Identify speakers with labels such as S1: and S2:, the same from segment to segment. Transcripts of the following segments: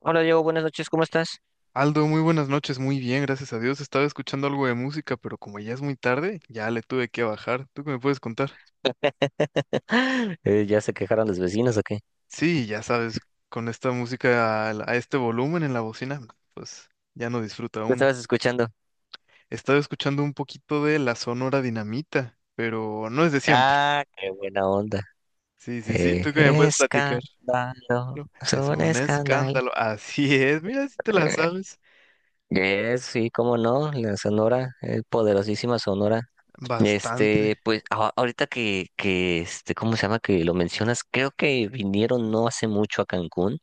S1: Hola Diego, buenas noches, ¿cómo estás?
S2: Aldo, muy buenas noches, muy bien, gracias a Dios. Estaba escuchando algo de música, pero como ya es muy tarde, ya le tuve que bajar. ¿Tú qué me puedes contar?
S1: ¿Ya se quejaron los vecinos o qué?
S2: Sí, ya sabes, con esta música a, este volumen en la bocina, pues ya no disfruta
S1: ¿Lo
S2: aún.
S1: estabas escuchando?
S2: Estaba escuchando un poquito de la Sonora Dinamita, pero no es de siempre.
S1: Ah, qué buena onda.
S2: Sí, sí, sí,
S1: Eh,
S2: ¿tú qué me puedes platicar?
S1: Escándalo,
S2: No,
S1: es
S2: es
S1: un
S2: un
S1: escándalo.
S2: escándalo, así es, mira si te la sabes.
S1: Sí, cómo no, la Sonora, poderosísima Sonora.
S2: Bastante.
S1: Pues ahorita que ¿cómo se llama? Que lo mencionas, creo que vinieron no hace mucho a Cancún.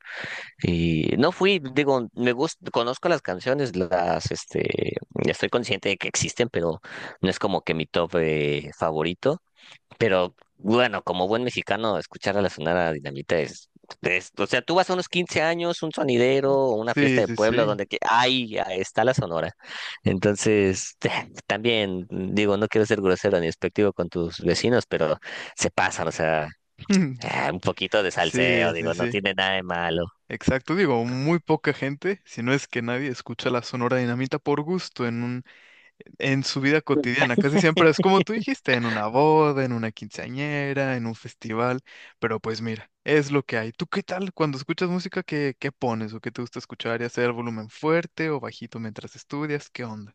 S1: Y no fui, digo, me gusta, conozco las canciones, estoy consciente de que existen, pero no es como que mi top favorito. Pero bueno, como buen mexicano, escuchar a la Sonora Dinamita es, o sea, tú vas a unos 15 años, un sonidero,
S2: Oh,
S1: o una
S2: sí,
S1: fiesta de
S2: sí,
S1: pueblo
S2: sí.
S1: donde que, ay, ahí está la Sonora. Entonces, también, digo, no quiero ser grosero ni despectivo con tus vecinos, pero se pasan, o sea, un poquito de salseo,
S2: Sí, sí,
S1: digo, no
S2: sí.
S1: tiene nada de malo.
S2: Exacto, digo, muy poca gente, si no es que nadie escucha la Sonora Dinamita por gusto en su vida cotidiana. Casi siempre es como tú dijiste, en una boda, en una quinceañera, en un festival, pero pues mira, es lo que hay. ¿Tú qué tal cuando escuchas música? ¿Qué pones o qué te gusta escuchar y hacer el volumen fuerte o bajito mientras estudias? ¿Qué onda?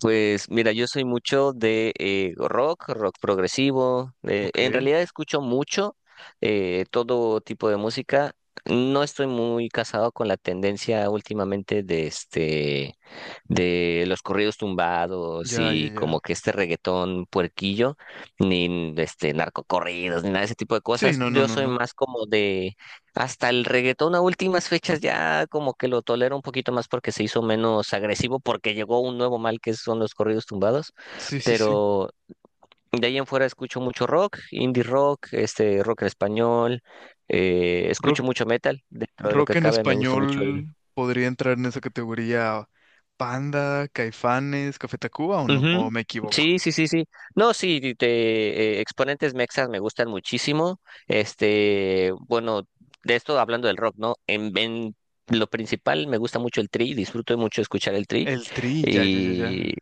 S1: Pues mira, yo soy mucho de rock, rock progresivo.
S2: Ok,
S1: En realidad escucho mucho todo tipo de música. No estoy muy casado con la tendencia últimamente de de los corridos tumbados
S2: ya, ya,
S1: y como
S2: ya.
S1: que este reggaetón puerquillo, ni este narcocorridos, ni nada de ese tipo de
S2: Sí,
S1: cosas.
S2: no, no,
S1: Yo
S2: no,
S1: soy
S2: no.
S1: más como hasta el reggaetón a últimas fechas ya como que lo tolero un poquito más porque se hizo menos agresivo, porque llegó un nuevo mal que son los corridos tumbados,
S2: Sí, sí, sí.
S1: pero de ahí en fuera escucho mucho rock, indie rock, este rock en español, escucho mucho metal, dentro de lo que
S2: Rock en
S1: cabe me gusta mucho.
S2: español podría entrar en esa categoría. Panda, Caifanes, Café Tacuba, o no, o
S1: Ujú.
S2: me equivoco.
S1: Sí, sí, sí, sí. No, sí, de exponentes mexas me gustan muchísimo. Este, bueno, de esto hablando del rock, ¿no? En lo principal me gusta mucho el Tri, disfruto mucho escuchar el Tri.
S2: El Tri, ya, ya, ya, ya.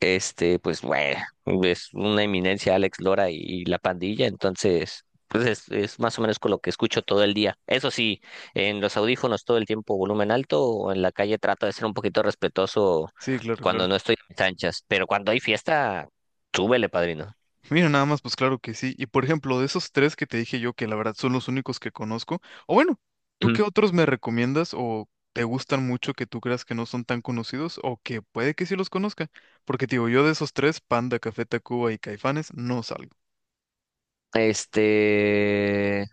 S1: Este, pues bueno, es una eminencia Alex Lora y la pandilla, entonces, pues es más o menos con lo que escucho todo el día. Eso sí, en los audífonos todo el tiempo volumen alto, o en la calle trato de ser un poquito respetuoso
S2: Sí, claro,
S1: cuando
S2: claro.
S1: no estoy en mis anchas, pero cuando hay fiesta, súbele, padrino.
S2: Mira, nada más, pues claro que sí. Y por ejemplo, de esos tres que te dije yo, que la verdad son los únicos que conozco, o bueno, ¿tú
S1: Ujú.
S2: qué otros me recomiendas o te gustan mucho que tú creas que no son tan conocidos o que puede que sí los conozca? Porque te digo, yo de esos tres, Panda, Café Tacuba y Caifanes, no salgo.
S1: Este,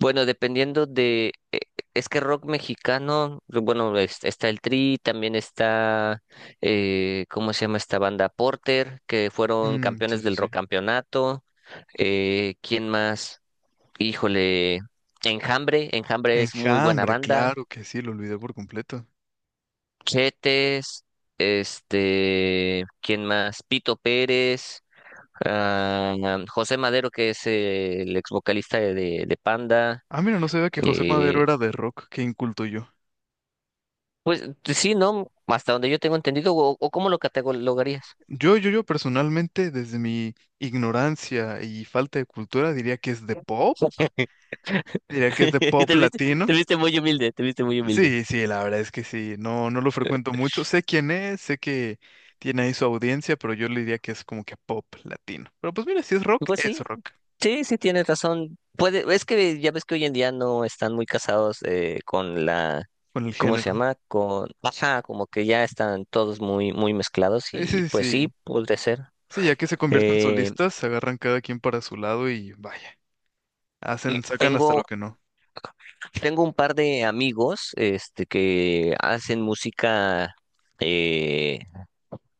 S1: bueno, dependiendo de, es que rock mexicano, bueno, está el Tri, también está, ¿cómo se llama esta banda? Porter, que fueron
S2: Mm, sí,
S1: campeones
S2: sí,
S1: del
S2: sí.
S1: rock campeonato. ¿Quién más? Híjole, Enjambre, Enjambre es muy buena
S2: Enjambre,
S1: banda.
S2: claro que sí, lo olvidé por completo.
S1: Chetes, este, ¿quién más? Pito Pérez, ah, José Madero, que es el ex vocalista de Panda.
S2: Ah, mira, no sabía que José Madero
S1: eh,
S2: era de rock, qué inculto yo.
S1: Pues sí, ¿no? Hasta donde yo tengo entendido, o cómo lo catalogarías.
S2: Yo personalmente, desde mi ignorancia y falta de cultura, diría que es de pop, diría que es de pop
S1: Te viste, Te
S2: latino.
S1: viste muy humilde, te viste muy humilde.
S2: Sí, sí, la verdad es que sí, no, no lo frecuento mucho. Sé quién es, sé que tiene ahí su audiencia, pero yo le diría que es como que pop latino. Pero pues mira, si es rock,
S1: Pues
S2: es
S1: sí,
S2: rock,
S1: sí, sí tienes razón. Puede, es que ya ves que hoy en día no están muy casados con la,
S2: con el
S1: ¿cómo se
S2: género.
S1: llama? Con, ajá, como que ya están todos muy, muy mezclados y
S2: Sí, sí,
S1: pues sí,
S2: sí.
S1: puede ser.
S2: Sí, ya que se convierten
S1: Eh,
S2: solistas, se agarran cada quien para su lado y vaya. Hacen, sacan hasta lo
S1: tengo,
S2: que no.
S1: tengo un par de amigos, este, que hacen música. eh,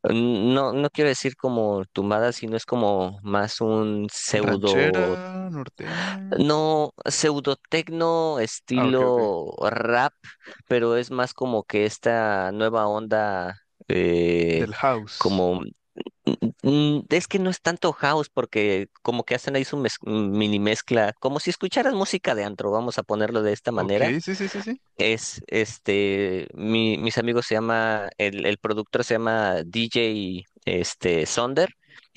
S1: No, no quiero decir como tumbada, sino es como más un
S2: Ranchera,
S1: pseudo,
S2: norteña.
S1: no, pseudo tecno
S2: Ah, ok, ok.
S1: estilo rap, pero es más como que esta nueva onda, eh,
S2: Del house.
S1: como, es que no es tanto house, porque como que hacen ahí su mini mezcla, como si escucharas música de antro, vamos a ponerlo de esta
S2: Ok,
S1: manera.
S2: sí, sí, sí, sí.
S1: Mis amigos se llama, el productor se llama DJ este, Sonder.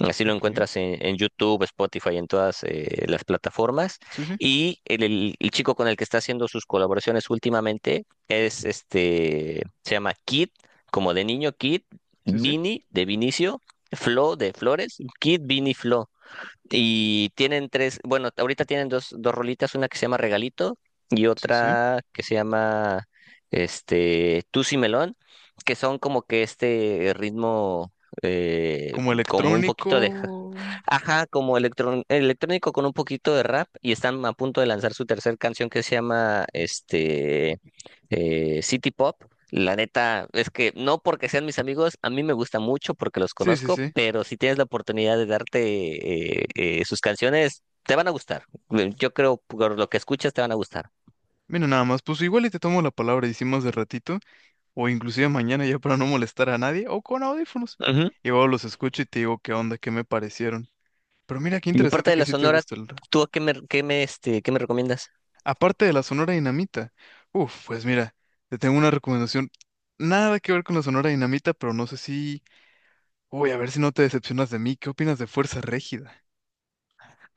S1: Así lo
S2: Ok,
S1: encuentras en YouTube, Spotify, en todas las plataformas.
S2: sí, sí,
S1: Y el chico con el que está haciendo sus colaboraciones últimamente es este, se llama Kid, como de niño, Kid,
S2: sí, sí,
S1: Vini de Vinicio, Flo de Flores, Kid, Vini, Flo. Y tienen tres, bueno, ahorita tienen dos, dos rolitas, una que se llama Regalito y
S2: sí, sí.
S1: otra que se llama este Tusi Melón, que son como que este ritmo eh,
S2: Como
S1: como un poquito de,
S2: electrónico.
S1: ajá, como electrónico con un poquito de rap y están a punto de lanzar su tercer canción que se llama City Pop. La neta es que no porque sean mis amigos, a mí me gusta mucho porque los
S2: Sí, sí,
S1: conozco,
S2: sí.
S1: pero si tienes la oportunidad de darte sus canciones, te van a gustar. Yo creo por lo que escuchas te van a gustar.
S2: Mira, nada más, pues igual y te tomo la palabra, hicimos de ratito, o inclusive mañana ya para no molestar a nadie, o con audífonos.
S1: Ujú.
S2: Y luego los escucho y te digo qué onda, qué me parecieron. Pero mira, qué
S1: Y
S2: interesante
S1: aparte de
S2: que
S1: la
S2: sí te
S1: Sonora,
S2: gusta el,
S1: ¿tú a qué me qué me recomiendas?
S2: aparte de la Sonora Dinamita. Uf, pues mira, te tengo una recomendación. Nada que ver con la Sonora Dinamita, pero no sé si... Uy, a ver si no te decepcionas de mí. ¿Qué opinas de Fuerza Régida?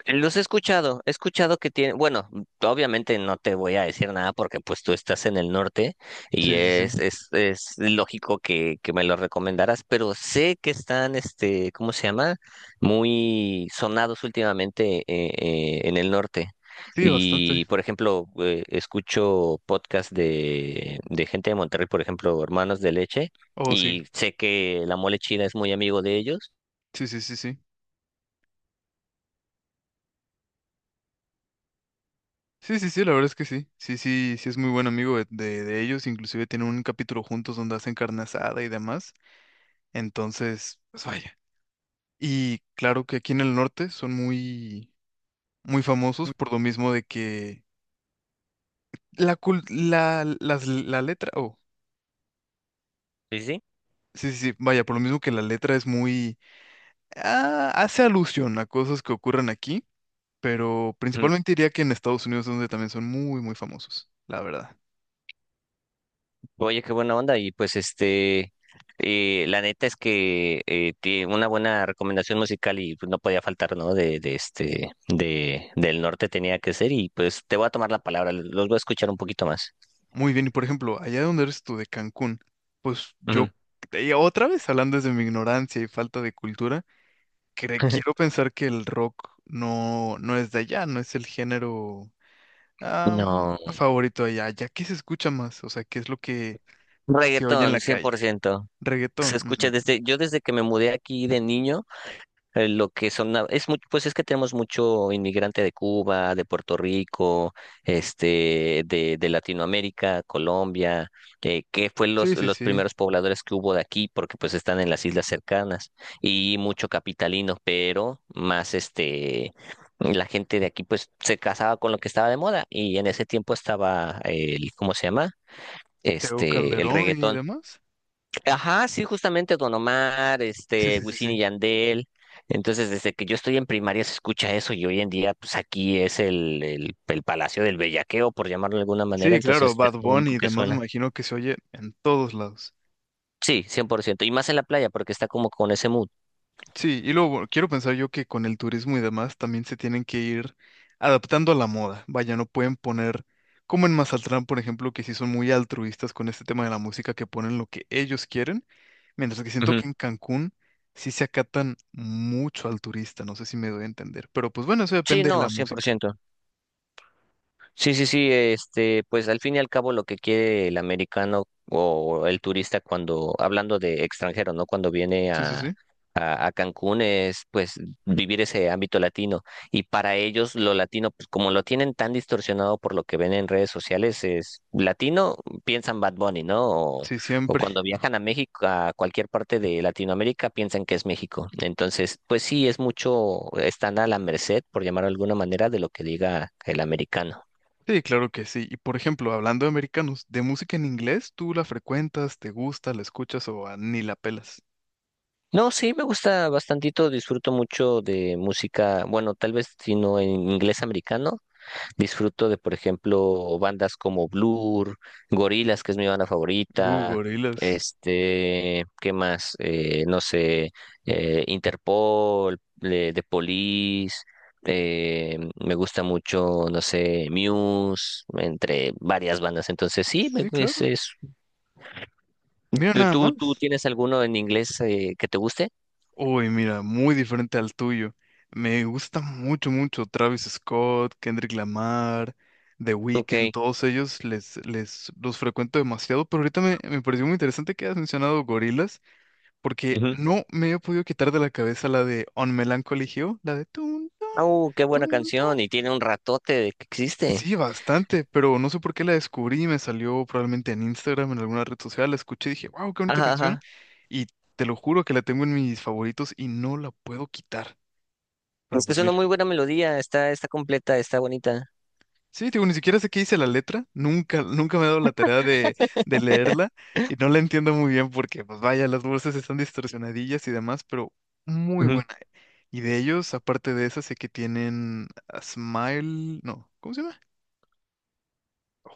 S1: Los he escuchado que tiene, bueno, obviamente no te voy a decir nada porque pues tú estás en el norte y
S2: Sí, sí,
S1: es,
S2: sí.
S1: es, es lógico que me lo recomendaras, pero sé que están, este, ¿cómo se llama? Muy sonados últimamente en el norte.
S2: Sí, bastante.
S1: Y, por ejemplo, escucho podcasts de gente de Monterrey, por ejemplo, Hermanos de Leche,
S2: Oh, sí.
S1: y sé que la mole china es muy amigo de ellos.
S2: Sí, sí, sí, sí. Sí, sí, sí, la verdad es que sí. Sí, sí, sí, es muy buen amigo de ellos. Inclusive tienen un capítulo juntos donde hacen carne asada y demás. Entonces, pues vaya. Y claro que aquí en el norte son muy, muy famosos por lo mismo de que la, cul- la, las- la letra, o
S1: Sí, sí.
S2: sí, sí, sí, vaya, por lo mismo que la letra es muy... ah, hace alusión a cosas que ocurren aquí, pero principalmente diría que en Estados Unidos es donde también son muy, muy famosos, la verdad.
S1: Oye, qué buena onda. Y pues este, la neta es que tiene una buena recomendación musical y pues, no podía faltar, ¿no? Del norte tenía que ser y pues te voy a tomar la palabra, los voy a escuchar un poquito más.
S2: Muy bien, y por ejemplo, allá donde eres tú, de Cancún, pues yo,
S1: Ujú.
S2: y otra vez hablando desde mi ignorancia y falta de cultura, quiero pensar que el rock no, no es de allá, no es el género am,
S1: No,
S2: favorito allá. ¿Ya qué se escucha más? O sea, ¿qué es lo que se oye en la
S1: reggaetón, cien
S2: calle?
S1: por ciento
S2: Reggaetón.
S1: Se
S2: Mm,
S1: escucha
S2: mm, mm.
S1: desde, yo desde que me mudé aquí de niño. Lo que son, es mucho, pues es que tenemos mucho inmigrante de Cuba, de Puerto Rico, este, de Latinoamérica, Colombia, que fue los,
S2: Sí, sí,
S1: los
S2: sí.
S1: primeros pobladores que hubo de aquí, porque pues están en las islas cercanas, y mucho capitalino, pero más este, la gente de aquí pues se casaba con lo que estaba de moda, y en ese tiempo estaba el, ¿cómo se llama?
S2: Tego
S1: Este, el
S2: Calderón y
S1: reggaetón.
S2: demás.
S1: Ajá, sí, justamente Don Omar,
S2: Sí,
S1: este,
S2: sí, sí,
S1: Wisin y
S2: sí.
S1: Yandel. Entonces, desde que yo estoy en primaria se escucha eso y hoy en día, pues aquí es el Palacio del Bellaqueo, por llamarlo de alguna manera.
S2: Sí,
S1: Entonces,
S2: claro,
S1: es
S2: Bad
S1: lo
S2: Bunny
S1: único
S2: y
S1: que
S2: demás me
S1: suena.
S2: imagino que se oye en todos lados.
S1: Sí, 100%. Y más en la playa, porque está como con ese mood.
S2: Sí, y luego bueno, quiero pensar yo que con el turismo y demás también se tienen que ir adaptando a la moda. Vaya, no pueden poner, como en Mazatlán, por ejemplo, que sí son muy altruistas con este tema de la música, que ponen lo que ellos quieren, mientras que siento
S1: Ujú.
S2: que en Cancún sí se acatan mucho al turista, no sé si me doy a entender. Pero pues bueno, eso
S1: Sí,
S2: depende de
S1: no,
S2: la
S1: cien por
S2: música.
S1: ciento Sí, sí, sí, este, pues al fin y al cabo lo que quiere el americano o el turista cuando, hablando de extranjero, ¿no? Cuando viene
S2: Sí, sí,
S1: a,
S2: sí.
S1: a, a Cancún es pues vivir ese ámbito latino. Y para ellos lo latino, pues como lo tienen tan distorsionado por lo que ven en redes sociales, es latino, piensan Bad Bunny, ¿no?
S2: Sí,
S1: O
S2: siempre.
S1: cuando viajan a México, a cualquier parte de Latinoamérica, piensan que es México. Entonces, pues sí, es mucho, están a la merced, por llamarlo de alguna manera, de lo que diga el americano.
S2: Sí, claro que sí. Y por ejemplo, hablando de americanos, ¿de música en inglés tú la frecuentas, te gusta, la escuchas o ah, ni la pelas?
S1: No, sí, me gusta bastantito, disfruto mucho de música, bueno, tal vez si no en inglés americano, disfruto de, por ejemplo, bandas como Blur, Gorillaz, que es mi banda favorita,
S2: Gorilas.
S1: este, ¿qué más? No sé, Interpol, de The Police, eh, me gusta mucho, no sé, Muse, entre varias bandas, entonces sí,
S2: Sí, claro. Mira nada
S1: ¿tú
S2: más.
S1: tienes alguno en inglés que te guste?
S2: Uy, mira, muy diferente al tuyo. Me gusta mucho, mucho Travis Scott, Kendrick Lamar, The Weeknd,
S1: Ok.
S2: todos ellos les, les los frecuento demasiado, pero ahorita me pareció muy interesante que hayas mencionado gorilas, porque no me he podido quitar de la cabeza la de On Melancholy Hill, la de tun, tun,
S1: Qué buena
S2: tun, tun.
S1: canción y tiene un ratote de que
S2: Sí,
S1: existe.
S2: bastante, pero no sé por qué la descubrí, me salió probablemente en Instagram, en alguna red social, la escuché y dije, wow, qué bonita
S1: Ajá,
S2: canción.
S1: ajá.
S2: Y te lo juro que la tengo en mis favoritos y no la puedo quitar.
S1: Es
S2: Pero
S1: que es
S2: pues
S1: una
S2: mira,
S1: muy buena melodía, está completa, está bonita.
S2: sí, digo, ni siquiera sé qué dice la letra, nunca, nunca me he dado la tarea de, leerla y no la entiendo muy bien porque, pues vaya, las voces están distorsionadillas y demás, pero muy
S1: Ujú.
S2: buena. Y de ellos, aparte de esa, sé que tienen a Smile, no, ¿cómo se llama?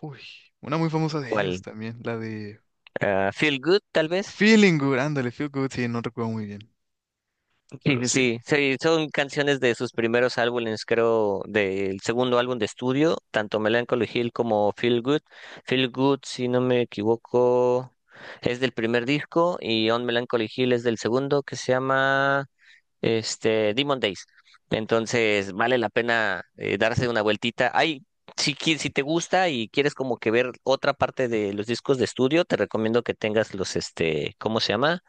S2: Uy, una muy famosa de ellos
S1: ¿Cuál?
S2: también, la de...
S1: Ah, Feel Good, tal vez.
S2: Feeling good, ándale, feel good, sí, no recuerdo muy bien,
S1: Sí,
S2: pero
S1: sí,
S2: sí,
S1: sí, sí, son canciones de sus primeros álbumes, creo, del segundo álbum de estudio, tanto Melancholy Hill como Feel Good. Feel Good, si no me equivoco, es del primer disco y On Melancholy Hill es del segundo, que se llama este, Demon Days. Entonces, vale la pena darse una vueltita. Ay, si te gusta y quieres como que ver otra parte de los discos de estudio, te recomiendo que tengas los, este, ¿cómo se llama?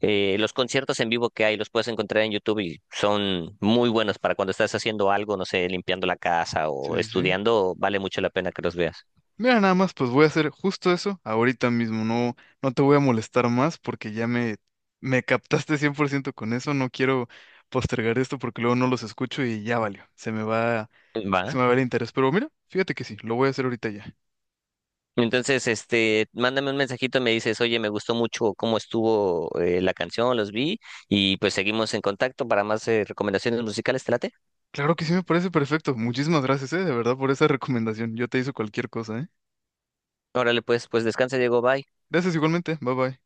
S1: Los conciertos en vivo que hay, los puedes encontrar en YouTube y son muy buenos para cuando estás haciendo algo, no sé, limpiando la casa
S2: sí,
S1: o
S2: sí, sí.
S1: estudiando, vale mucho la pena que los veas.
S2: Mira, nada más, pues voy a hacer justo eso ahorita mismo, no, no te voy a molestar más porque ya me captaste 100% con eso, no quiero postergar esto porque luego no los escucho y ya valió, se me va,
S1: Va.
S2: se me va el interés, pero mira, fíjate que sí, lo voy a hacer ahorita ya.
S1: Entonces, este, mándame un mensajito, me dices, oye, me gustó mucho cómo estuvo la canción, los vi, y pues seguimos en contacto para más recomendaciones musicales, ¿te late?
S2: Claro que sí, me parece perfecto, muchísimas gracias, de verdad, por esa recomendación, yo te hice cualquier cosa, eh.
S1: Órale, pues, pues descansa, Diego, bye.
S2: Gracias igualmente, bye bye.